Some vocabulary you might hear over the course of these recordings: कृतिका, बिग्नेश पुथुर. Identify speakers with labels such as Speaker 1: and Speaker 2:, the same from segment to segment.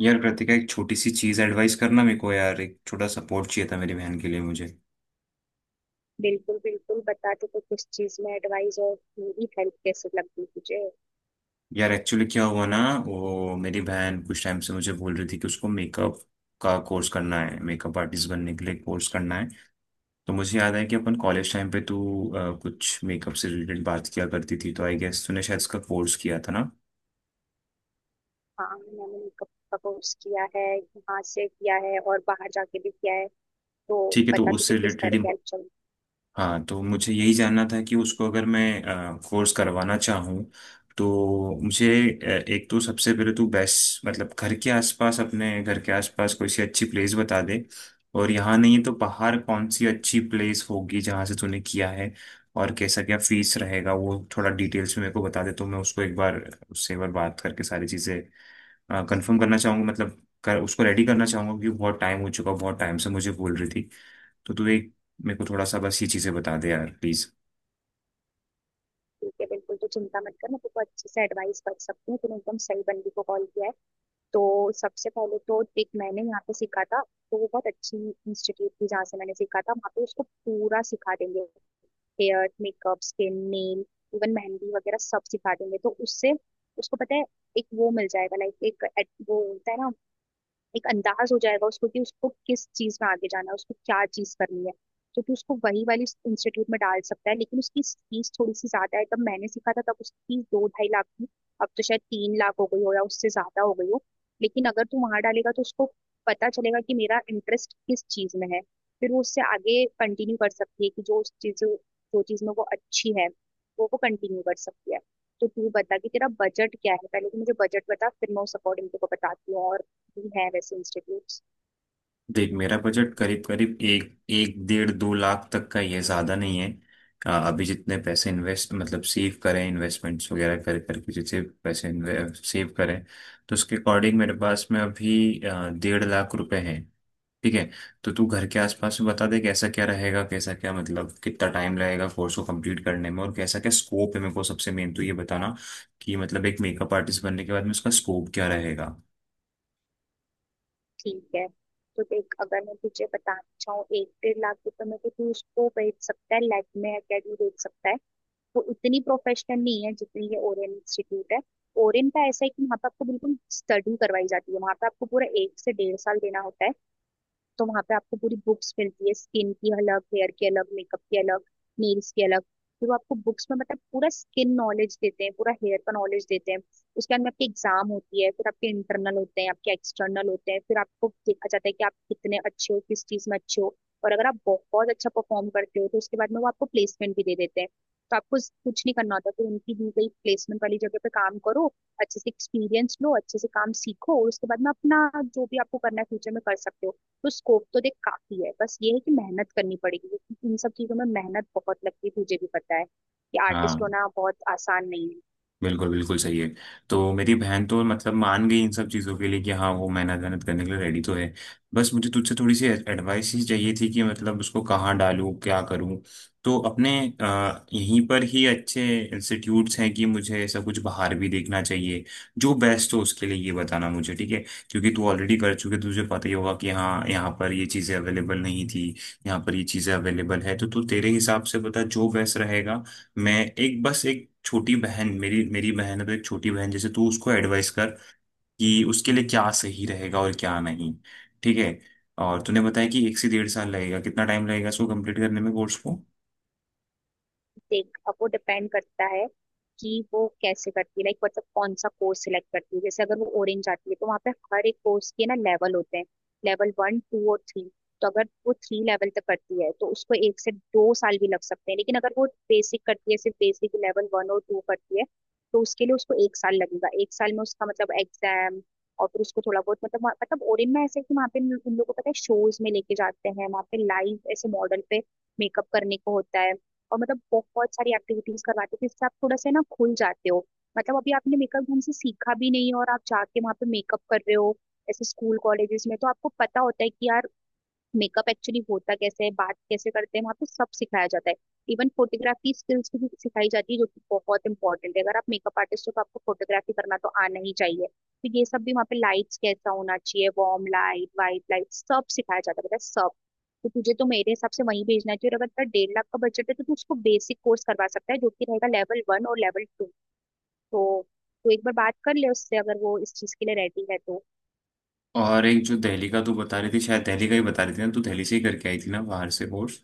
Speaker 1: यार कृतिका एक छोटी सी चीज एडवाइस करना मेरे को यार। एक छोटा सपोर्ट चाहिए था मेरी बहन के लिए मुझे।
Speaker 2: बिल्कुल बिल्कुल, बता दो, तो किस चीज में एडवाइस और मेरी हेल्प कैसे लगी तुझे।
Speaker 1: यार एक्चुअली क्या हुआ ना, वो मेरी बहन कुछ टाइम से मुझे बोल रही थी कि उसको मेकअप का कोर्स करना है, मेकअप आर्टिस्ट बनने के लिए कोर्स करना है। तो मुझे याद है कि अपन कॉलेज टाइम पे तू कुछ मेकअप से रिलेटेड बात किया करती थी, तो आई गेस तूने शायद इसका कोर्स किया था ना।
Speaker 2: हाँ, मैंने मेकअप का कोर्स किया है, यहाँ से किया है और बाहर जाके भी किया है। तो
Speaker 1: ठीक है, तो
Speaker 2: पता तुझे
Speaker 1: उससे
Speaker 2: किस
Speaker 1: रिलेटेड।
Speaker 2: तरह की हेल्प चाहिए।
Speaker 1: हाँ, तो मुझे यही जानना था कि उसको अगर मैं कोर्स करवाना चाहूँ तो मुझे एक तो सबसे पहले तो बेस्ट, मतलब घर के आसपास, अपने घर के आसपास कोई सी अच्छी प्लेस बता दे। और यहाँ नहीं है तो बाहर कौन सी अच्छी प्लेस होगी जहाँ से तूने किया है। और कैसा क्या फीस रहेगा वो थोड़ा डिटेल्स में मेरे को बता दे, तो मैं उसको एक बार उससे एक बार बात करके सारी चीज़ें कंफर्म करना चाहूँगा। मतलब उसको रेडी करना चाहूँगा, क्योंकि बहुत टाइम हो चुका, बहुत टाइम से मुझे बोल रही थी। तो तू एक मेरे को थोड़ा सा बस ये चीजें बता दे यार प्लीज।
Speaker 2: ठीक है, बिल्कुल, तो चिंता मत कर, मैं तुझको अच्छे से एडवाइस कर सकती हूँ। तूने एकदम सही बंदी को कॉल किया है। तो सबसे पहले तो एक मैंने यहाँ पे सीखा था, तो वो बहुत अच्छी इंस्टीट्यूट थी जहाँ से मैंने सीखा था। वहाँ पे उसको पूरा सिखा देंगे, hair makeup skin nail, even mehndi वगैरह सब सिखा देंगे। तो उससे उसको पता है, एक वो मिल जाएगा, लाइक एक वो होता है ना, एक अंदाज हो जाएगा उसको, कि उसको किस चीज में आगे जाना है, उसको क्या चीज करनी है। तो तू उसको वही वाली इंस्टीट्यूट में डाल सकता है, लेकिन उसकी फीस थोड़ी सी ज्यादा है। जब मैंने सीखा था तब उसकी फीस 2-2.5 लाख थी, अब तो शायद 3 लाख हो गई हो या उससे ज्यादा हो गई हो। लेकिन अगर तू वहां डालेगा तो उसको पता चलेगा कि मेरा इंटरेस्ट किस चीज में है। फिर वो उससे आगे कंटिन्यू कर सकती है कि जो चीज में वो अच्छी है वो कंटिन्यू कर सकती है। तो तू बता कि तेरा बजट क्या है, पहले तो मुझे बजट बता, फिर मैं उस अकॉर्डिंग तेरे को बताती हूँ, और भी है वैसे इंस्टीट्यूट्स।
Speaker 1: देख, मेरा बजट करीब करीब एक एक डेढ़ दो लाख तक का ही है, ज्यादा नहीं है। अभी जितने पैसे इन्वेस्ट, मतलब सेव करें, इन्वेस्टमेंट्स वगैरह कर करके जितने पैसे सेव करें, तो उसके अकॉर्डिंग मेरे पास में अभी 1.5 लाख रुपए हैं। ठीक है, तो तू घर के आसपास में बता दे कैसा क्या रहेगा, कैसा क्या, मतलब कितना टाइम लगेगा कोर्स को कंप्लीट करने में, और कैसा क्या स्कोप है। मेरे को सबसे मेन तो ये बताना कि मतलब एक मेकअप आर्टिस्ट बनने के बाद में उसका स्कोप क्या रहेगा।
Speaker 2: ठीक है, तो देख, अगर मैं तुझे बताना चाहूँ, 1-1.5 लाख रुपए में तो तू उसको बेच सकता है, लैब में अकेडमी बेच सकता है। वो इतनी प्रोफेशनल नहीं है जितनी ये ओरियन इंस्टीट्यूट है। ओरियन का ऐसा है कि वहाँ पे आपको बिल्कुल स्टडी करवाई जाती है। वहाँ पे आपको पूरा 1 से 1.5 साल देना होता है। तो वहां पे आपको पूरी बुक्स मिलती है, स्किन की अलग, हेयर की अलग, मेकअप की अलग, नेल्स की अलग। फिर वो आपको बुक्स में मतलब पूरा स्किन नॉलेज देते हैं, पूरा हेयर का नॉलेज देते हैं। उसके बाद में आपकी एग्जाम होती है, फिर आपके इंटरनल होते हैं, आपके एक्सटर्नल होते हैं, फिर आपको देखा जाता है कि आप कितने अच्छे हो, किस चीज में अच्छे हो। और अगर आप बहुत अच्छा परफॉर्म करते हो तो उसके बाद में वो आपको प्लेसमेंट भी दे देते हैं। तो आपको कुछ नहीं करना होता, फिर उनकी दी गई प्लेसमेंट वाली जगह पे काम करो, अच्छे से एक्सपीरियंस लो, अच्छे से काम सीखो, और उसके बाद में अपना जो भी आपको करना है फ्यूचर में कर सकते हो। तो स्कोप तो देख काफी है, बस ये है कि मेहनत करनी पड़ेगी। इन सब चीजों में मेहनत बहुत लगती है, तुझे भी पता है कि आर्टिस्ट
Speaker 1: हाँ,
Speaker 2: होना बहुत आसान नहीं है।
Speaker 1: बिल्कुल बिल्कुल सही है। तो मेरी बहन तो मतलब मान गई इन सब चीज़ों के लिए, कि हाँ, वो मेहनत मेहनत करने के लिए रेडी तो है। बस मुझे तुझसे थोड़ी सी एडवाइस ही चाहिए थी कि मतलब उसको कहाँ डालूँ, क्या करूँ। तो अपने यहीं पर ही अच्छे इंस्टीट्यूट्स हैं, कि मुझे ऐसा कुछ बाहर भी देखना चाहिए जो बेस्ट हो उसके लिए, ये बताना मुझे। ठीक है, क्योंकि तू ऑलरेडी कर चुके, तुझे पता ही होगा कि हाँ, यहाँ पर ये चीज़ें अवेलेबल नहीं थी, यहाँ पर ये चीज़ें अवेलेबल है। तो तू तेरे हिसाब से बता जो बेस्ट रहेगा। मैं, एक बस एक छोटी बहन, मेरी मेरी बहन है, तो एक छोटी बहन जैसे तू उसको एडवाइस कर कि उसके लिए क्या सही रहेगा और क्या नहीं। ठीक है। और तूने बताया कि 1 से 1.5 साल लगेगा, कितना टाइम लगेगा इसको कंप्लीट करने में, कोर्स को।
Speaker 2: देख, अब वो डिपेंड करता है कि वो कैसे करती है, लाइक मतलब कौन सा कोर्स सिलेक्ट करती है। जैसे अगर वो ऑरेंज आती है तो वहाँ पे हर एक कोर्स के ना लेवल होते हैं, लेवल वन टू और थ्री। तो अगर वो थ्री लेवल तक करती है तो उसको 1 से 2 साल भी लग सकते हैं, लेकिन अगर वो बेसिक करती है, सिर्फ बेसिक लेवल वन और टू करती है, तो उसके लिए उसको 1 साल लगेगा। 1 साल में उसका मतलब एग्जाम, और फिर उसको थोड़ा बहुत मतलब मतलब ओरिन में ऐसा है कि वहाँ पे उन उन लोगों को पता है शोज में लेके जाते हैं, वहाँ पे लाइव ऐसे मॉडल पे मेकअप करने को होता है। और मतलब बहुत सारी एक्टिविटीज करवाते थे, जिससे आप थोड़ा सा ना खुल जाते हो। मतलब अभी आपने मेकअप हमसे सीखा भी नहीं है और आप जाके वहाँ पे मेकअप कर रहे हो ऐसे स्कूल कॉलेजेस में, तो आपको पता होता है कि यार, मेकअप एक्चुअली होता कैसे है, बात कैसे करते हैं, वहाँ पे सब सिखाया जाता है। इवन फोटोग्राफी स्किल्स भी सिखाई जाती है, जो कि बहुत इंपॉर्टेंट है, अगर आप मेकअप आर्टिस्ट हो तो आपको फोटोग्राफी करना तो आना ही चाहिए। तो ये सब भी वहाँ पे, लाइट्स कैसा होना चाहिए, वार्म लाइट वाइट लाइट, सब सिखाया जाता है, पता है, सब। तो तुझे तो मेरे हिसाब से वहीं भेजना चाहिए, और अगर तेरा 1.5 लाख का बजट है तो तू उसको बेसिक कोर्स करवा सकता है, जो कि रहेगा लेवल वन और लेवल टू। तो तू एक बार बात कर ले उससे, अगर वो इस चीज के लिए रेडी है तो।
Speaker 1: और एक जो दिल्ली का तू बता रही थी, शायद दिल्ली का ही बता रही थी ना, तू दिल्ली से ही करके आई थी ना बाहर से कोर्स।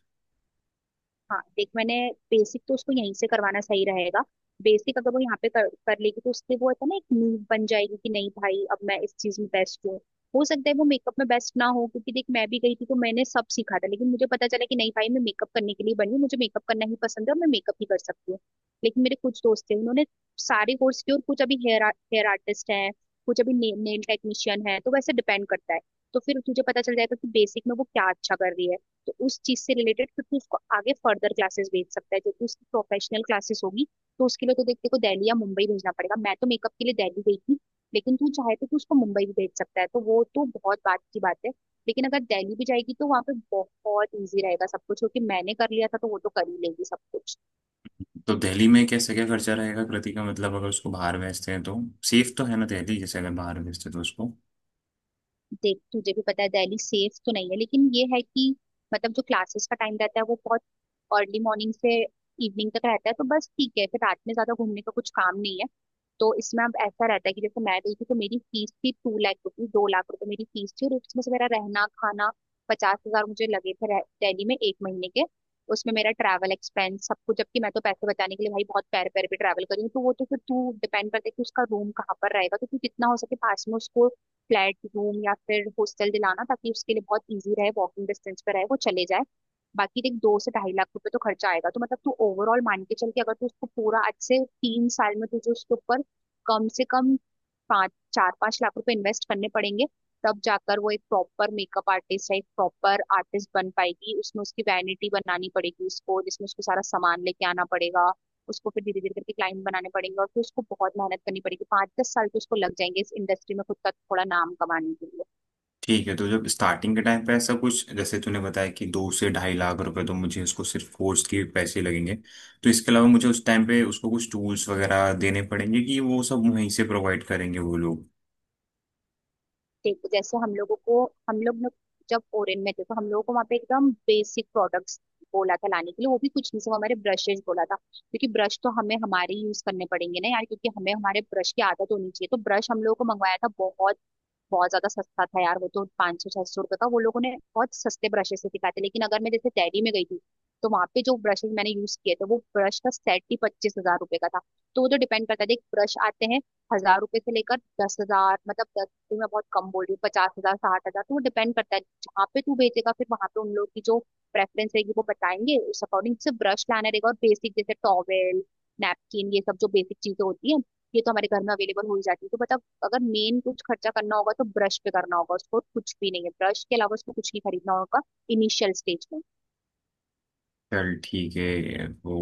Speaker 2: हाँ देख, मैंने बेसिक तो उसको यहीं से करवाना सही रहेगा। बेसिक अगर वो यहाँ पे कर लेगी तो उससे वो है ना एक नींव बन जाएगी कि नहीं भाई, अब मैं इस चीज में बेस्ट हूँ। हो सकता है वो मेकअप में बेस्ट ना हो, क्योंकि देख, मैं भी गई थी तो मैंने सब सीखा था, लेकिन मुझे पता चला कि नहीं भाई, मैं मेकअप करने के लिए बनी हूँ, मुझे मेकअप करना ही पसंद है और मैं मेकअप ही कर सकती हूँ। लेकिन मेरे कुछ दोस्त थे, उन्होंने सारे कोर्स किए, और कुछ अभी हेयर हेयर आर्टिस्ट है, कुछ अभी नेल टेक्नीशियन है, तो वैसे डिपेंड करता है। तो फिर तुझे पता चल जाएगा कि बेसिक में वो क्या अच्छा कर रही है। तो उस चीज से रिलेटेड फिर तू उसको आगे फर्दर क्लासेस भेज सकता है, जो कि उसकी प्रोफेशनल क्लासेस होगी। तो उसके लिए तो देख को दिल्ली या मुंबई भेजना पड़ेगा। मैं तो मेकअप के लिए दिल्ली गई थी, लेकिन तू चाहे तो तू उसको मुंबई भी भेज सकता है, तो वो तो बहुत बात की बात है। लेकिन अगर दिल्ली भी जाएगी तो वहाँ पे बहुत ईजी रहेगा सब कुछ, क्योंकि मैंने कर लिया था तो वो तो कर ही लेगी सब कुछ।
Speaker 1: तो दिल्ली में कैसे क्या खर्चा रहेगा कृति का मतलब अगर उसको बाहर भेजते हैं तो। सेफ तो है ना दिल्ली, जैसे अगर बाहर भेजते हैं तो उसको।
Speaker 2: देख, तुझे भी पता है दिल्ली सेफ तो नहीं है, लेकिन ये है कि मतलब जो क्लासेस का टाइम रहता है वो बहुत अर्ली मॉर्निंग से इवनिंग तक रहता है, तो बस ठीक है, फिर रात में ज्यादा घूमने का कुछ काम नहीं है। तो इसमें अब ऐसा रहता है कि जैसे मैं गई थी तो मेरी फीस थी 2 लाख रुपीज, 2 लाख रुपए मेरी फीस थी, और उसमें से मेरा रहना खाना 50 हजार मुझे लगे थे, दिल्ली में 1 महीने के। उसमें मेरा ट्रैवल एक्सपेंस सब कुछ, जबकि मैं तो पैसे बचाने के लिए भाई बहुत पैर पैर पे ट्रैवल करी हूँ, तो वो तो फिर तू डिपेंड करता है कि उसका रूम कहाँ पर रहेगा। तो तू जितना हो सके पास में उसको फ्लैट रूम या फिर हॉस्टल दिलाना, ताकि उसके लिए बहुत इजी रहे, वॉकिंग डिस्टेंस पे रहे, वो चले जाए। बाकी देख, 2 से 2.5 लाख रुपए तो खर्चा आएगा, तो मतलब तू ओवरऑल मान के चल, के अगर तू उसको पूरा आज से 3 साल में तुझे उसके ऊपर कम से कम 5, 4-5 लाख रुपए इन्वेस्ट करने पड़ेंगे। तब जाकर वो एक प्रॉपर मेकअप आर्टिस्ट या एक प्रॉपर आर्टिस्ट बन पाएगी। उसमें उसकी वैनिटी बनानी पड़ेगी उसको, जिसमें उसको सारा सामान लेके आना पड़ेगा। उसको फिर धीरे धीरे करके क्लाइंट बनाने पड़ेंगे, और फिर उसको बहुत मेहनत करनी पड़ेगी, 5-10 साल तो उसको लग जाएंगे इस इंडस्ट्री में खुद का थोड़ा नाम कमाने के लिए।
Speaker 1: ठीक है, तो जब स्टार्टिंग के टाइम पे ऐसा कुछ जैसे तूने बताया कि 2 से 2.5 लाख रुपए तो मुझे उसको सिर्फ कोर्स के पैसे लगेंगे, तो इसके अलावा मुझे उस टाइम पे उसको कुछ टूल्स वगैरह देने पड़ेंगे, कि वो सब वहीं से प्रोवाइड करेंगे वो लोग।
Speaker 2: ठीक, जैसे हम लोगों को, हम लोग ने जब ओरेन में थे तो हम लोगों को वहाँ पे एकदम बेसिक प्रोडक्ट्स बोला था लाने के लिए, वो भी कुछ नहीं, सब हमारे ब्रशेज बोला था, क्योंकि ब्रश तो हमें हमारे यूज करने पड़ेंगे ना यार, क्योंकि हमें हमारे ब्रश की आदत होनी चाहिए। तो ब्रश हम लोगों को मंगवाया था, बहुत बहुत ज्यादा सस्ता था यार वो तो, 500-600 रुपए का। वो लोगों ने बहुत सस्ते ब्रशेस से सिखाए थे, लेकिन अगर मैं जैसे दिल्ली में गई थी, तो वहां पे जो ब्रशेस मैंने यूज किए थे, वो ब्रश का सेट ही 25 हजार रुपए का था। तो वो तो डिपेंड करता है। देख, ब्रश आते हैं 1 हजार रुपए से लेकर 10 हजार, मतलब 10 तो मैं बहुत कम बोल रही हूँ, 50 हजार 60 हजार, तो वो डिपेंड करता है जहाँ पे तू बेचेगा। फिर वहां पे उन लोग की जो प्रेफरेंस रहेगी वो बताएंगे, उस अकॉर्डिंग से ब्रश लाना रहेगा, और बेसिक जैसे टॉवेल, नैपकिन, ये सब जो बेसिक चीजें होती है, ये तो हमारे घर में अवेलेबल हो ही जाती है। तो बता, अगर मेन कुछ खर्चा करना होगा तो ब्रश पे करना होगा उसको, और कुछ भी नहीं है, ब्रश के अलावा उसको कुछ नहीं खरीदना होगा इनिशियल स्टेज में।
Speaker 1: चल ठीक है वो।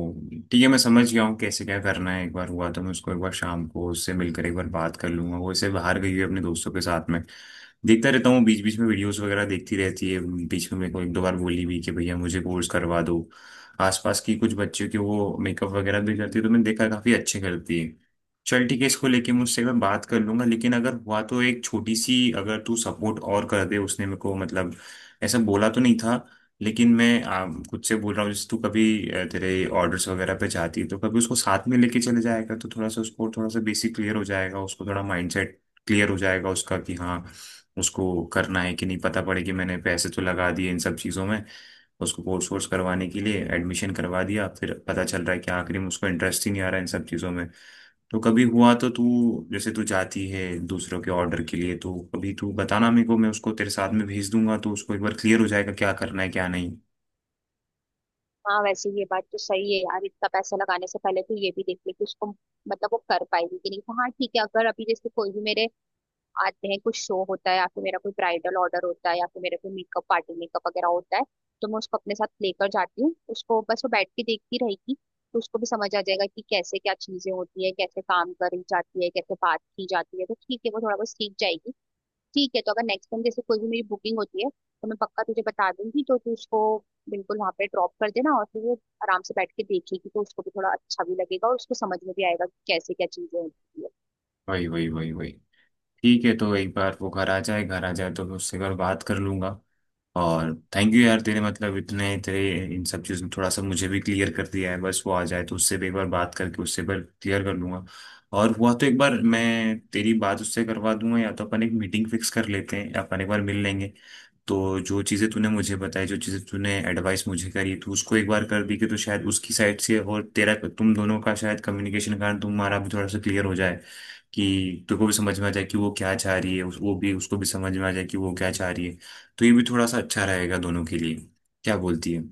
Speaker 1: ठीक है, मैं समझ गया हूँ कैसे क्या करना है। एक बार हुआ तो मैं उसको, एक बार शाम को उससे मिलकर एक बार बात कर लूंगा। वो ऐसे बाहर गई हुई है अपने दोस्तों के साथ में। देखता रहता हूँ बीच बीच में वीडियोस वगैरह देखती रहती है। बीच में मेरे को एक दो बार बोली भी कि भैया मुझे कोर्स करवा दो। आसपास की कुछ बच्चों की वो मेकअप वगैरह भी करती है, तो मैंने देखा काफी अच्छे करती है। चल ठीक है, इसको लेके मुझसे, मैं बात कर लूंगा। लेकिन अगर हुआ तो एक छोटी सी अगर तू सपोर्ट और कर दे। उसने मेरे को मतलब ऐसा बोला तो नहीं था, लेकिन मैं खुद से बोल रहा हूँ, जैसे तू कभी तेरे ऑर्डर्स वगैरह पे जाती है तो कभी उसको साथ में लेके चले जाएगा, तो थोड़ा सा उसको थोड़ा सा बेसिक क्लियर हो जाएगा, उसको थोड़ा माइंडसेट क्लियर हो जाएगा उसका, कि हाँ उसको करना है कि नहीं, पता पड़े। कि मैंने पैसे तो लगा दिए इन सब चीज़ों में, उसको कोर्स वोर्स करवाने के लिए एडमिशन करवा दिया, फिर पता चल रहा है कि आखिरी में उसको इंटरेस्ट ही नहीं आ रहा है इन सब चीज़ों में। तो कभी हुआ तो तू, जैसे तू जाती है दूसरों के ऑर्डर के लिए, तो कभी तू बताना मेरे को, मैं उसको तेरे साथ में भेज दूंगा, तो उसको एक बार क्लियर हो जाएगा क्या करना है क्या नहीं।
Speaker 2: हाँ, वैसे ये बात तो सही है यार, इतना पैसा लगाने से पहले तो ये भी देख ले कि उसको मतलब वो कर पाएगी कि नहीं। तो हाँ ठीक है, अगर अभी जैसे कोई भी मेरे आते हैं, कुछ शो होता है, या फिर मेरा कोई ब्राइडल ऑर्डर होता है, या फिर मेरा कोई मेकअप, पार्टी मेकअप वगैरह होता है, तो मैं उसको अपने साथ लेकर जाती हूँ। उसको बस वो बैठ के देखती रहेगी, तो उसको भी समझ आ जाएगा कि कैसे क्या चीजें होती है, कैसे काम करी जाती है, कैसे बात की जाती है, तो ठीक है, वो थोड़ा बहुत सीख जाएगी। ठीक है, तो अगर नेक्स्ट टाइम जैसे कोई भी मेरी बुकिंग होती है तो मैं पक्का तुझे बता दूंगी, तो तू उसको बिल्कुल वहां पे ड्रॉप कर देना, और फिर वो आराम से बैठ के देखेगी, तो उसको भी थोड़ा अच्छा भी लगेगा और उसको समझ में भी आएगा कि कैसे क्या चीजें होती है।
Speaker 1: वही वही वही वही। ठीक है, तो एक बार वो घर आ जाए, घर आ जाए तो मैं उससे एक बार बात कर लूंगा। और थैंक यू यार तेरे, मतलब इतने तेरे, इन सब चीज़ों में थोड़ा सा मुझे भी क्लियर कर दिया है। बस वो आ जाए तो उससे भी एक बार बात करके उससे एक बार क्लियर कर लूंगा। और हुआ तो एक बार मैं तेरी बात उससे करवा दूंगा, या तो अपन एक मीटिंग फिक्स कर लेते हैं, या अपन एक बार मिल लेंगे। तो जो चीज़ें तूने मुझे बताई, जो चीज़ें तूने एडवाइस मुझे करी तू उसको एक बार कर दी कि, तो शायद उसकी साइड से और तेरा, तुम दोनों का शायद कम्युनिकेशन कारण तुम्हारा भी थोड़ा सा क्लियर हो जाए, कि तुमको भी समझ में आ जाए कि वो क्या चाह रही है, वो भी, उसको भी समझ में आ जाए कि वो क्या चाह रही है। तो ये भी थोड़ा सा अच्छा रहेगा दोनों के लिए। क्या बोलती है?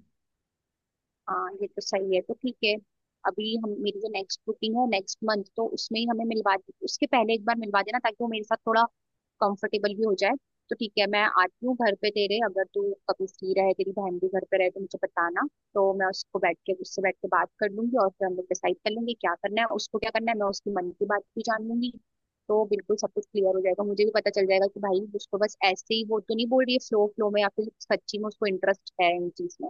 Speaker 2: हाँ, ये तो सही है, तो ठीक है, अभी हम, मेरी जो नेक्स्ट बुकिंग है नेक्स्ट मंथ, तो उसमें ही हमें मिलवा दी, उसके पहले एक बार मिलवा देना, ताकि वो मेरे साथ थोड़ा कंफर्टेबल भी हो जाए। तो ठीक है, मैं आती हूँ घर पे तेरे, अगर तू कभी फ्री रहे, तेरी बहन भी घर पे रहे तो मुझे बताना, तो मैं उसको बैठ के, उससे बैठ के बात कर लूंगी, और फिर हम लोग डिसाइड कर लेंगे क्या करना है, उसको क्या करना है। मैं उसकी मन की बात भी जान लूंगी, तो बिल्कुल सब कुछ क्लियर हो जाएगा, मुझे भी पता चल जाएगा कि भाई उसको बस ऐसे ही वो तो नहीं बोल रही है फ्लो फ्लो में, या फिर सच्ची में उसको इंटरेस्ट है इन चीज में।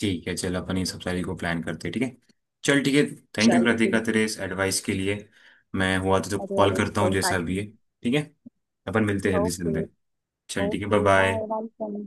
Speaker 1: ठीक है चल, अपन ये सब सारी को प्लान करते हैं, ठीक है। चल ठीक है। थैंक यू
Speaker 2: चल ठीक
Speaker 1: कृतिका
Speaker 2: है।
Speaker 1: तेरे इस एडवाइस के लिए। मैं हुआ तो
Speaker 2: अरे
Speaker 1: कॉल
Speaker 2: अरे,
Speaker 1: करता हूँ
Speaker 2: कोई बात
Speaker 1: जैसा भी
Speaker 2: नहीं।
Speaker 1: है। ठीक है, अपन मिलते हैं जल्दी से
Speaker 2: ओके।
Speaker 1: जल्दी। चल ठीक है,
Speaker 2: okay,
Speaker 1: bye
Speaker 2: bye
Speaker 1: bye.
Speaker 2: Bye.